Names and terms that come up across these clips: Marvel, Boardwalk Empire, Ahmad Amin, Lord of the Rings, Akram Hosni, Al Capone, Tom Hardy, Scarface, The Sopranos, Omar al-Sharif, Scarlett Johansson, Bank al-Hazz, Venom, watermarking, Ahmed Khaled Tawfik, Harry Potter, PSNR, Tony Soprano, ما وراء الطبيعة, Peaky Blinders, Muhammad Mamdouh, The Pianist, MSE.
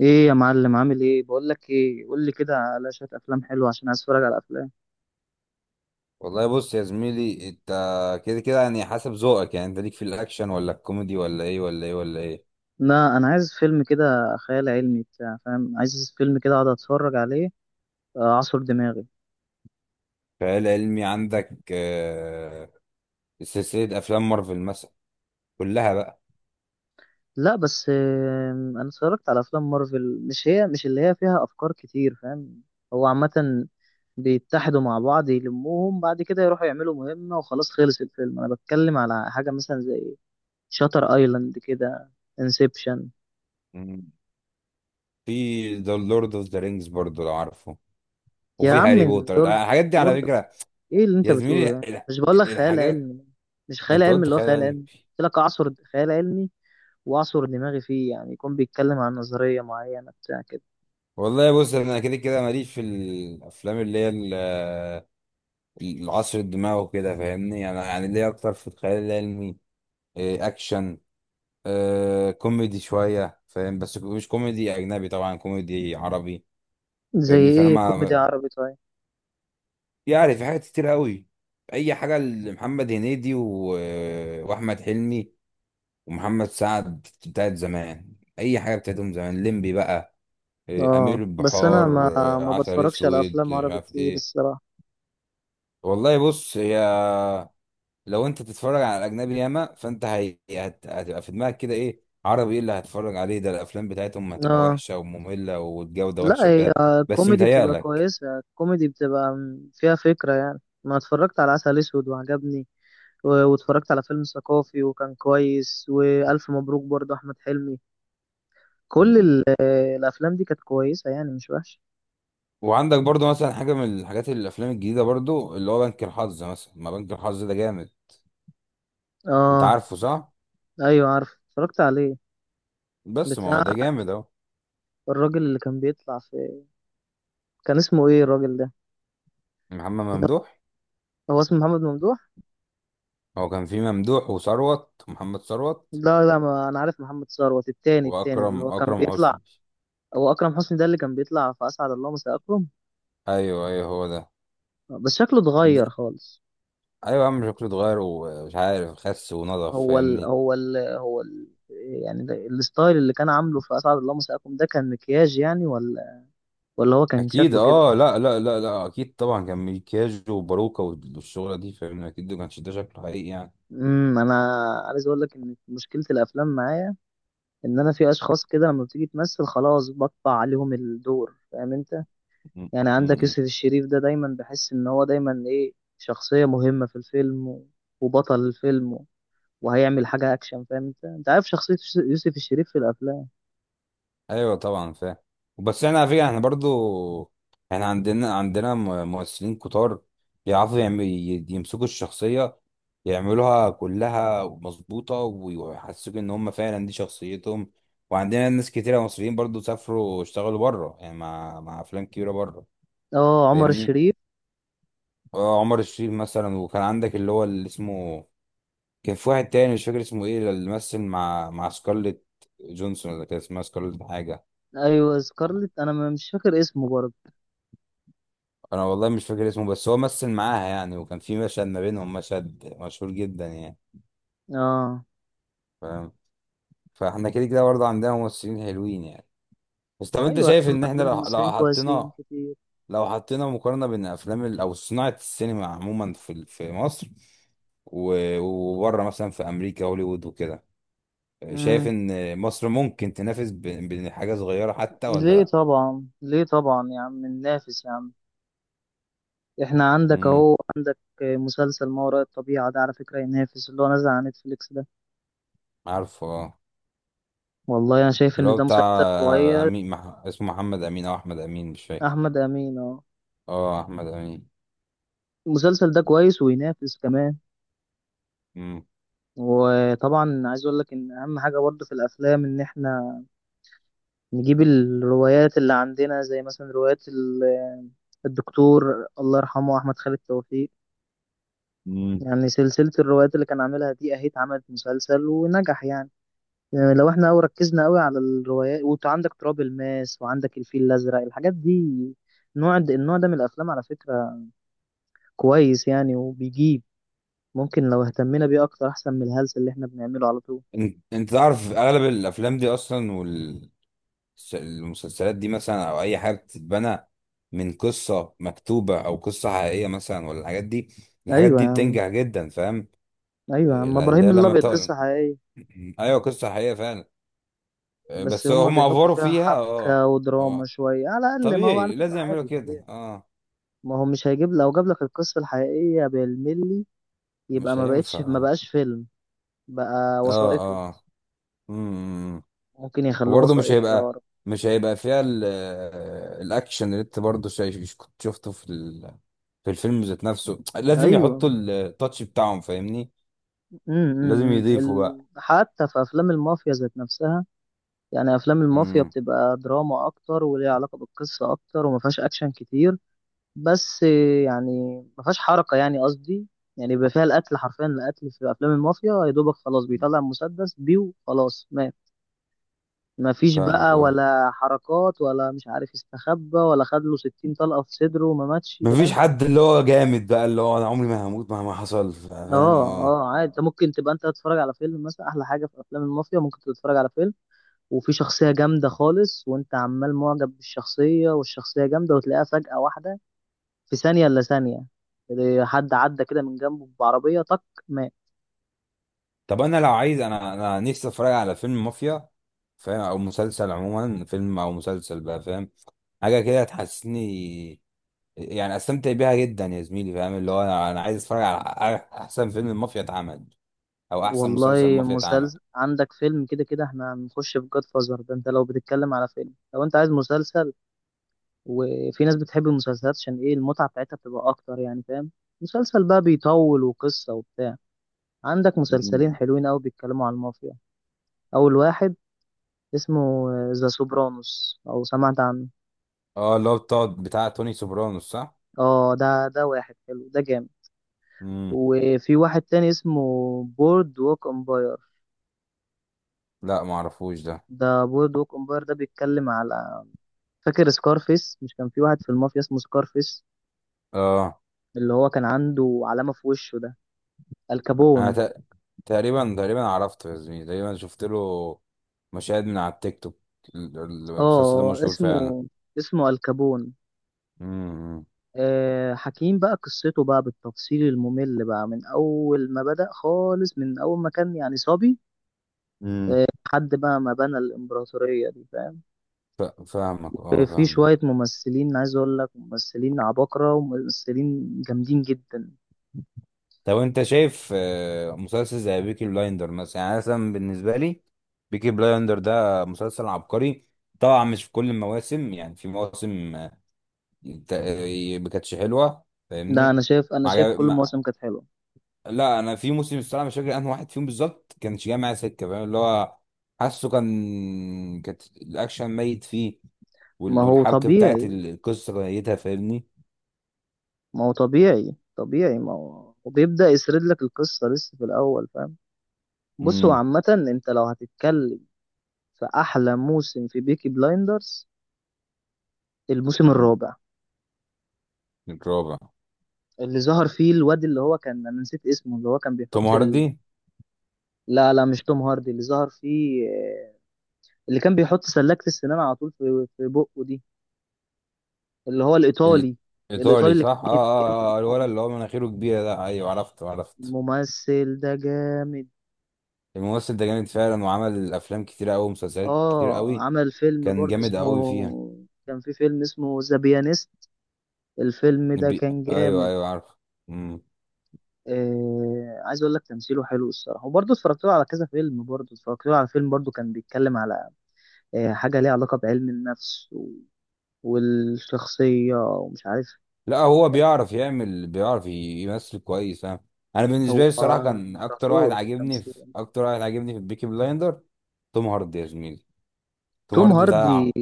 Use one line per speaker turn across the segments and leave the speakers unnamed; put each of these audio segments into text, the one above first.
ايه يا معلم؟ عامل ايه؟ بقول لك ايه، قول لي كده على شويه افلام حلوه عشان عايز اتفرج على افلام.
والله بص يا زميلي انت كده كده يعني حسب ذوقك. يعني انت ليك في الاكشن ولا الكوميدي ولا ايه؟
لا، انا عايز فيلم كده خيال علمي بتاع، فاهم؟ عايز فيلم كده اقعد اتفرج عليه، اعصر دماغي.
خيال علمي عندك سلسلة افلام مارفل مثلا، كلها بقى.
لا بس انا اتفرجت على افلام مارفل، مش هي، مش اللي هي فيها افكار كتير، فاهم؟ هو عامه، بيتحدوا مع بعض، يلموهم، بعد كده يروحوا يعملوا مهمه وخلاص خلص الفيلم. انا بتكلم على حاجه مثلا زي شاتر ايلاند كده، انسبشن.
مم. في ذا لورد اوف ذا رينجز برضو لو عارفه،
يا
وفي
عم،
هاري بوتر.
لورد
الحاجات دي
لورد
على فكرة
ايه اللي انت
يا
بتقوله
زميلي
ده؟ مش بقول لك خيال
الحاجات.
علمي؟ مش خيال
انت
علمي،
قلت
اللي هو
خيال
خيال
علمي.
علمي. قلت لك اعصر خيال علمي، واعصر دماغي فيه، يعني يكون بيتكلم عن نظرية معينة بتاع كده.
والله بص، انا كده كده ماليش في الافلام اللي هي العصر الدماغ وكده، فاهمني؟ انا يعني ليا اكتر في الخيال العلمي، اكشن، آه كوميدي شوية، فاهم؟ بس مش كوميدي أجنبي، طبعا كوميدي عربي.
زي
فاهمني؟ فأنا
ايه كوميدي
ما
عربي؟ طيب.
يعني في حاجات كتير قوي، أي حاجة لمحمد هنيدي وأحمد حلمي ومحمد سعد بتاعت زمان، أي حاجة بتاعتهم زمان. ليمبي بقى، أمير
اه، بس انا
البحار،
ما ما
عسل
بتفرجش على
أسود،
افلام
مش
عربي
عارف
كتير
إيه.
الصراحة.
والله بص، هي لو انت تتفرج على اجنبي ياما، فانت هتبقى في دماغك كده ايه عربي، ايه اللي هتتفرج عليه ده؟ الافلام بتاعتهم هتبقى
اه،
وحشه وممله، والجوده
لا،
وحشه
هي
وكده. بس
الكوميدي بتبقى
متهيألك.
كويسة، الكوميدي بتبقى فيها فكرة، يعني ما اتفرجت على عسل اسود وعجبني، و- واتفرجت على فيلم ثقافي وكان كويس، والف مبروك برضه احمد حلمي. كل
مم.
ال- آه، الافلام دي كانت كويسه يعني، مش وحشه.
وعندك برضو مثلا حاجه من الحاجات، الافلام الجديده برضو، اللي هو بنك الحظ مثلا. ما بنك الحظ ده جامد، انت
اه،
عارفه صح؟
ايوه عارف، اتفرجت عليه.
بس ما هو
بتاع،
ده جامد اهو.
الراجل اللي كان بيطلع في، كان اسمه ايه الراجل ده؟
محمد
اللي
ممدوح.
هو اسمه محمد ممدوح؟
هو كان في ممدوح وثروت، محمد ثروت.
لا لا، ما انا عارف محمد ثروت، التاني، التاني اللي
واكرم،
هو كان
اكرم
بيطلع.
حسني.
هو اكرم حسني ده، اللي كان بيطلع في اسعد الله مساء اكرم؟
ايوه ايوه، هو ده.
بس شكله اتغير
ده...
خالص.
ايوه يا عم، شكله اتغير ومش عارف، خس ونضف،
هو ال...
فاهمني؟
هو ال... هو ال... يعني الستايل اللي كان عامله في اسعد الله مساء اكرم ده كان مكياج يعني، ولا ولا هو كان
اكيد،
شكله كده؟
اه، لا، اكيد طبعا كان ميكاج وباروكا والشغله دي، فاهمني؟ اكيد ما كانش ده شكله حقيقي يعني.
انا عايز اقول لك ان مشكله الافلام معايا، ان انا في اشخاص كده لما بتيجي تمثل خلاص بقطع عليهم الدور، فاهم انت؟
م-
يعني
م-
عندك
م.
يوسف الشريف ده، دايما بحس ان هو دايما ايه، شخصية مهمة في الفيلم وبطل الفيلم وهيعمل حاجة اكشن. فاهم انت عارف شخصية يوسف الشريف في الافلام؟
ايوه طبعا فاهم. بس احنا على فكره، احنا برضو احنا عندنا ممثلين كتار، يعرفوا يمسكوا الشخصيه، يعملوها كلها مظبوطه، ويحسسوك ان هم فعلا دي شخصيتهم. وعندنا ناس كتيره مصريين برضو سافروا اشتغلوا بره، يعني مع افلام كبيره بره،
اه، عمر
فاهمني؟
الشريف.
عمر الشريف مثلا. وكان عندك اللي هو اللي اسمه، كان في واحد تاني مش فاكر اسمه ايه، اللي مثل مع سكارليت جونسون، ولا كان اسمها سكارليت حاجة.
ايوه سكارلت، انا مش فاكر اسمه برضه.
انا والله مش فاكر اسمه، بس هو مثل معاها يعني، وكان في مشهد ما بينهم مشهد مشهور جدا يعني،
اه،
فاهم؟ فاحنا كده كده برضه عندنا ممثلين حلوين يعني. بس طب انت
ايوه يا
شايف
عم،
ان احنا
عندنا
لو
ممثلين كويسين
حطينا،
كتير.
لو حطينا مقارنة بين افلام او صناعة السينما عموما في في مصر، وبره مثلا في امريكا، هوليوود وكده، شايف
امم.
ان مصر ممكن تنافس بحاجة صغيرة حتى، ولا
ليه
لا؟
طبعا، ليه طبعا يا عم، ننافس يا عم. احنا عندك
مم.
اهو، عندك مسلسل ما وراء الطبيعة ده، على فكرة ينافس اللي هو نازل على نتفليكس ده.
عارفه اه.
والله انا شايف
اللي
ان
هو
ده
بتاع،
مسلسل كويس.
امين اسمه محمد امين او احمد امين مش فاكر.
احمد امين، اه.
اه احمد امين.
المسلسل ده كويس وينافس كمان.
مم.
وطبعا عايز اقول لك ان اهم حاجة برضه في الافلام ان احنا نجيب الروايات اللي عندنا، زي مثلا روايات الدكتور الله يرحمه احمد خالد توفيق.
مم.
يعني سلسلة الروايات اللي كان عاملها دي اهي، اتعملت مسلسل ونجح يعني. يعني لو احنا أوي ركزنا أوي على الروايات، وانت عندك تراب الماس، وعندك الفيل الأزرق، الحاجات دي، النوع ده من الأفلام على فكرة كويس يعني، وبيجيب. ممكن لو اهتمينا بيه أكتر، أحسن من الهلس اللي احنا بنعمله على طول.
انت تعرف اغلب الافلام دي اصلا، والمسلسلات دي مثلا، او اي حاجه بتتبنى من قصه مكتوبه او قصه حقيقيه مثلا، ولا الحاجات دي، الحاجات
أيوة يا
دي
عم،
بتنجح جدا، فاهم؟
أيوة يا عم،
اللي
إبراهيم
هي لما
الأبيض قصة
بتقول
حقيقية.
ايوه، قصه حقيقيه فعلا،
بس
بس
هما
هم
بيحطوا
افوروا
فيها
فيها. اه
حبكة ودراما
اه
شوية على الأقل، ما هو على
طبيعي،
فكرة
لازم يعملوا
عادي
كده.
طبيعي.
اه
ما هو مش هيجيب، لو جاب لك القصة الحقيقية بالملي يبقى
مش
ما
هينفع،
بقتش ما
اه
بقاش فيلم، بقى وثائقي.
اه، امم.
ممكن يخلوه
وبرضه مش
وثائقي يا
هيبقى،
رب.
مش هيبقى فيها الاكشن اللي انت برضه شايف كنت شفته في في الفيلم ذات نفسه، لازم
أيوة.
يحطوا التاتش بتاعهم، فاهمني؟ لازم يضيفوا بقى.
حتى في افلام المافيا ذات نفسها، يعني افلام المافيا
امم.
بتبقى دراما اكتر، وليها علاقه بالقصه اكتر، وما فيهاش اكشن كتير. بس يعني، ما فيهاش حركه يعني، قصدي، يعني بيبقى فيها القتل، حرفيا القتل في افلام المافيا، يا دوبك خلاص بيطلع مسدس بيه وخلاص مات. ما فيش
فاهمك
بقى
اه،
ولا حركات، ولا مش عارف، استخبى، ولا خد له 60 طلقه في صدره وما ماتش،
مفيش
فاهم؟
حد اللي هو جامد بقى، اللي هو انا عمري ما هموت مهما حصل، فاهم؟
اه،
اه.
اه، عادي. انت ممكن تبقى انت تتفرج على فيلم مثلا، احلى حاجه في افلام المافيا، ممكن تتفرج على فيلم وفي شخصية جامدة خالص، وانت عمال معجب بالشخصية، والشخصية جامدة، وتلاقيها فجأة واحدة، في ثانية إلا ثانية، إيه، حد عدى كده من جنبه بعربية، طق، مات.
طب انا لو عايز، انا نفسي اتفرج على فيلم مافيا، فاهم؟ او مسلسل عموما، فيلم او مسلسل بقى، فاهم؟ حاجه كده تحسسني يعني، استمتع بيها جدا يا زميلي، فاهم؟ اللي هو انا، أنا عايز اتفرج على احسن فيلم المافيا اتعمل، او احسن مسلسل
والله،
المافيا اتعمل.
مسلسل عندك، فيلم، كده كده احنا هنخش في جاد فازر ده، انت لو بتتكلم على فيلم، لو انت عايز مسلسل، وفي ناس بتحب المسلسلات عشان ايه، المتعة بتاعتها بتبقى اكتر يعني، فاهم؟ مسلسل بقى بيطول، وقصة وبتاع. عندك مسلسلين
مم.
حلوين قوي بيتكلموا عن المافيا. اول واحد اسمه ذا سوبرانوس، او سمعت عنه؟
اه، اللي هو بتاع توني سوبرانوس صح؟
اه، ده واحد حلو، ده جامد.
امم.
وفي واحد تاني اسمه بورد ووك امباير.
لا ما اعرفوش ده.
ده بورد ووك امباير ده بيتكلم على، فاكر سكارفيس؟ مش كان في واحد في المافيا اسمه سكارفيس،
اه،
اللي هو كان عنده علامة في وشه ده،
انا
الكابون.
تق- تقريبا، عرفته يا زميلي، تقريبا شفت له مشاهد من على التيك توك. المسلسل ده
اه
مشهور
اسمه
فعلا.
اسمه الكابون.
امم.
حكيم بقى قصته بقى بالتفصيل الممل، بقى من أول ما بدأ خالص، من أول ما كان يعني صبي،
مم.
لحد بقى ما بنى الإمبراطورية دي، فاهم؟
فاهمك اه،
في
فاهم.
شوية ممثلين عايز أقول لك ممثلين عباقرة وممثلين جامدين جدا.
طب انت شايف مسلسل زي بيكي بلايندر مثلا، يعني مثلا بالنسبه لي بيكي بلايندر ده مسلسل عبقري، طبعا مش في كل المواسم، يعني في مواسم ما كانتش حلوه،
ده أنا
فاهمني؟
شايف أنا
ما
شايف
عجب...
كل
ما...
المواسم كانت حلوة.
لا انا في موسم، الصراحه مش فاكر انه واحد فيهم بالظبط، كانش جاي معايا سكه، فاهم؟ اللي هو حاسه كانت الاكشن ميت فيه،
ما هو
والحبكه بتاعت
طبيعي.
القصه ميتها، فاهمني؟
ما هو طبيعي طبيعي، ما هو وبيبدأ يسرد لك القصة لسه في الأول، فاهم؟ بص هو
امم.
عامة، أنت لو هتتكلم في أحلى موسم في بيكي بلايندرز، الموسم الرابع،
الرابع.
اللي ظهر فيه الواد، اللي هو كان، أنا نسيت اسمه، اللي هو كان
توم
بيحط
هاردي.
لا لا، مش توم هاردي اللي ظهر فيه، اللي كان بيحط سلاكة السنان على طول في بقه دي، اللي هو الإيطالي. الإيطالي
الايطالي
اللي
صح اه اه اه، الولد
كان،
اللي هو مناخيره كبيره ده، ايوه عرفته عرفته.
ممثل ده جامد.
الممثل ده جامد فعلا، وعمل افلام كتير قوي ومسلسلات كتير
اه،
قوي،
عمل فيلم
كان
برضه
جامد
اسمه،
قوي فيها.
كان في فيلم اسمه ذا بيانيست. الفيلم ده كان
ايوه
جامد.
ايوه عارف. مم.
عايز اقول لك تمثيله حلو الصراحه، وبرضه اتفرجت له على كذا فيلم، برضه اتفرجت له على فيلم برضه كان بيتكلم على حاجه ليها علاقه بعلم النفس و... والشخصيه، ومش عارف.
لا هو بيعرف يعمل، بيعرف يمثل كويس ها. انا بالنسبه
هو
لي الصراحه كان اكتر واحد
امبراطور في
عاجبني في،
التمثيل.
بيكي بلايندر توم هاردي يا زميلي. توم
توم
هاردي ده
هاردي.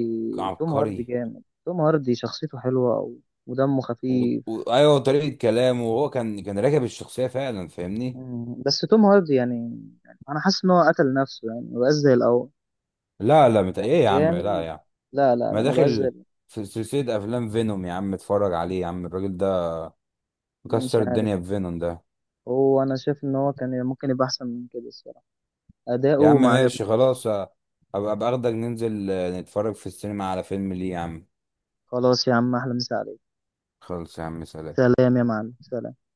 توم هاردي
عبقري.
جامد، توم هاردي شخصيته حلوه أوي، ودمه خفيف.
ايوه طريقه كلامه، وهو كان راكب الشخصيه فعلا، فاهمني؟
مم. بس توم هاردي يعني، يعني انا حاسس ان هو قتل نفسه، يعني ما بقاش زي الاول.
لا لا مت...
كان
ايه يا عم، لا
جامد.
يا عم،
لا لا
ما
لا، ما بقاش زي
داخل
الأول.
في سلسلة افلام فينوم؟ يا عم اتفرج عليه، يا عم الراجل ده
مش
مكسر
عارف.
الدنيا في فينوم ده.
هو انا شايف ان هو كان ممكن يبقى احسن من كده الصراحه،
يا
اداؤه
عم
ما عجبني.
ماشي خلاص، ابقى باخدك ننزل نتفرج في السينما على فيلم، ليه يا عم؟
خلاص يا عم، احلى مسا عليك.
خلص يا عم، سلام.
سلام يا معلم، سلام.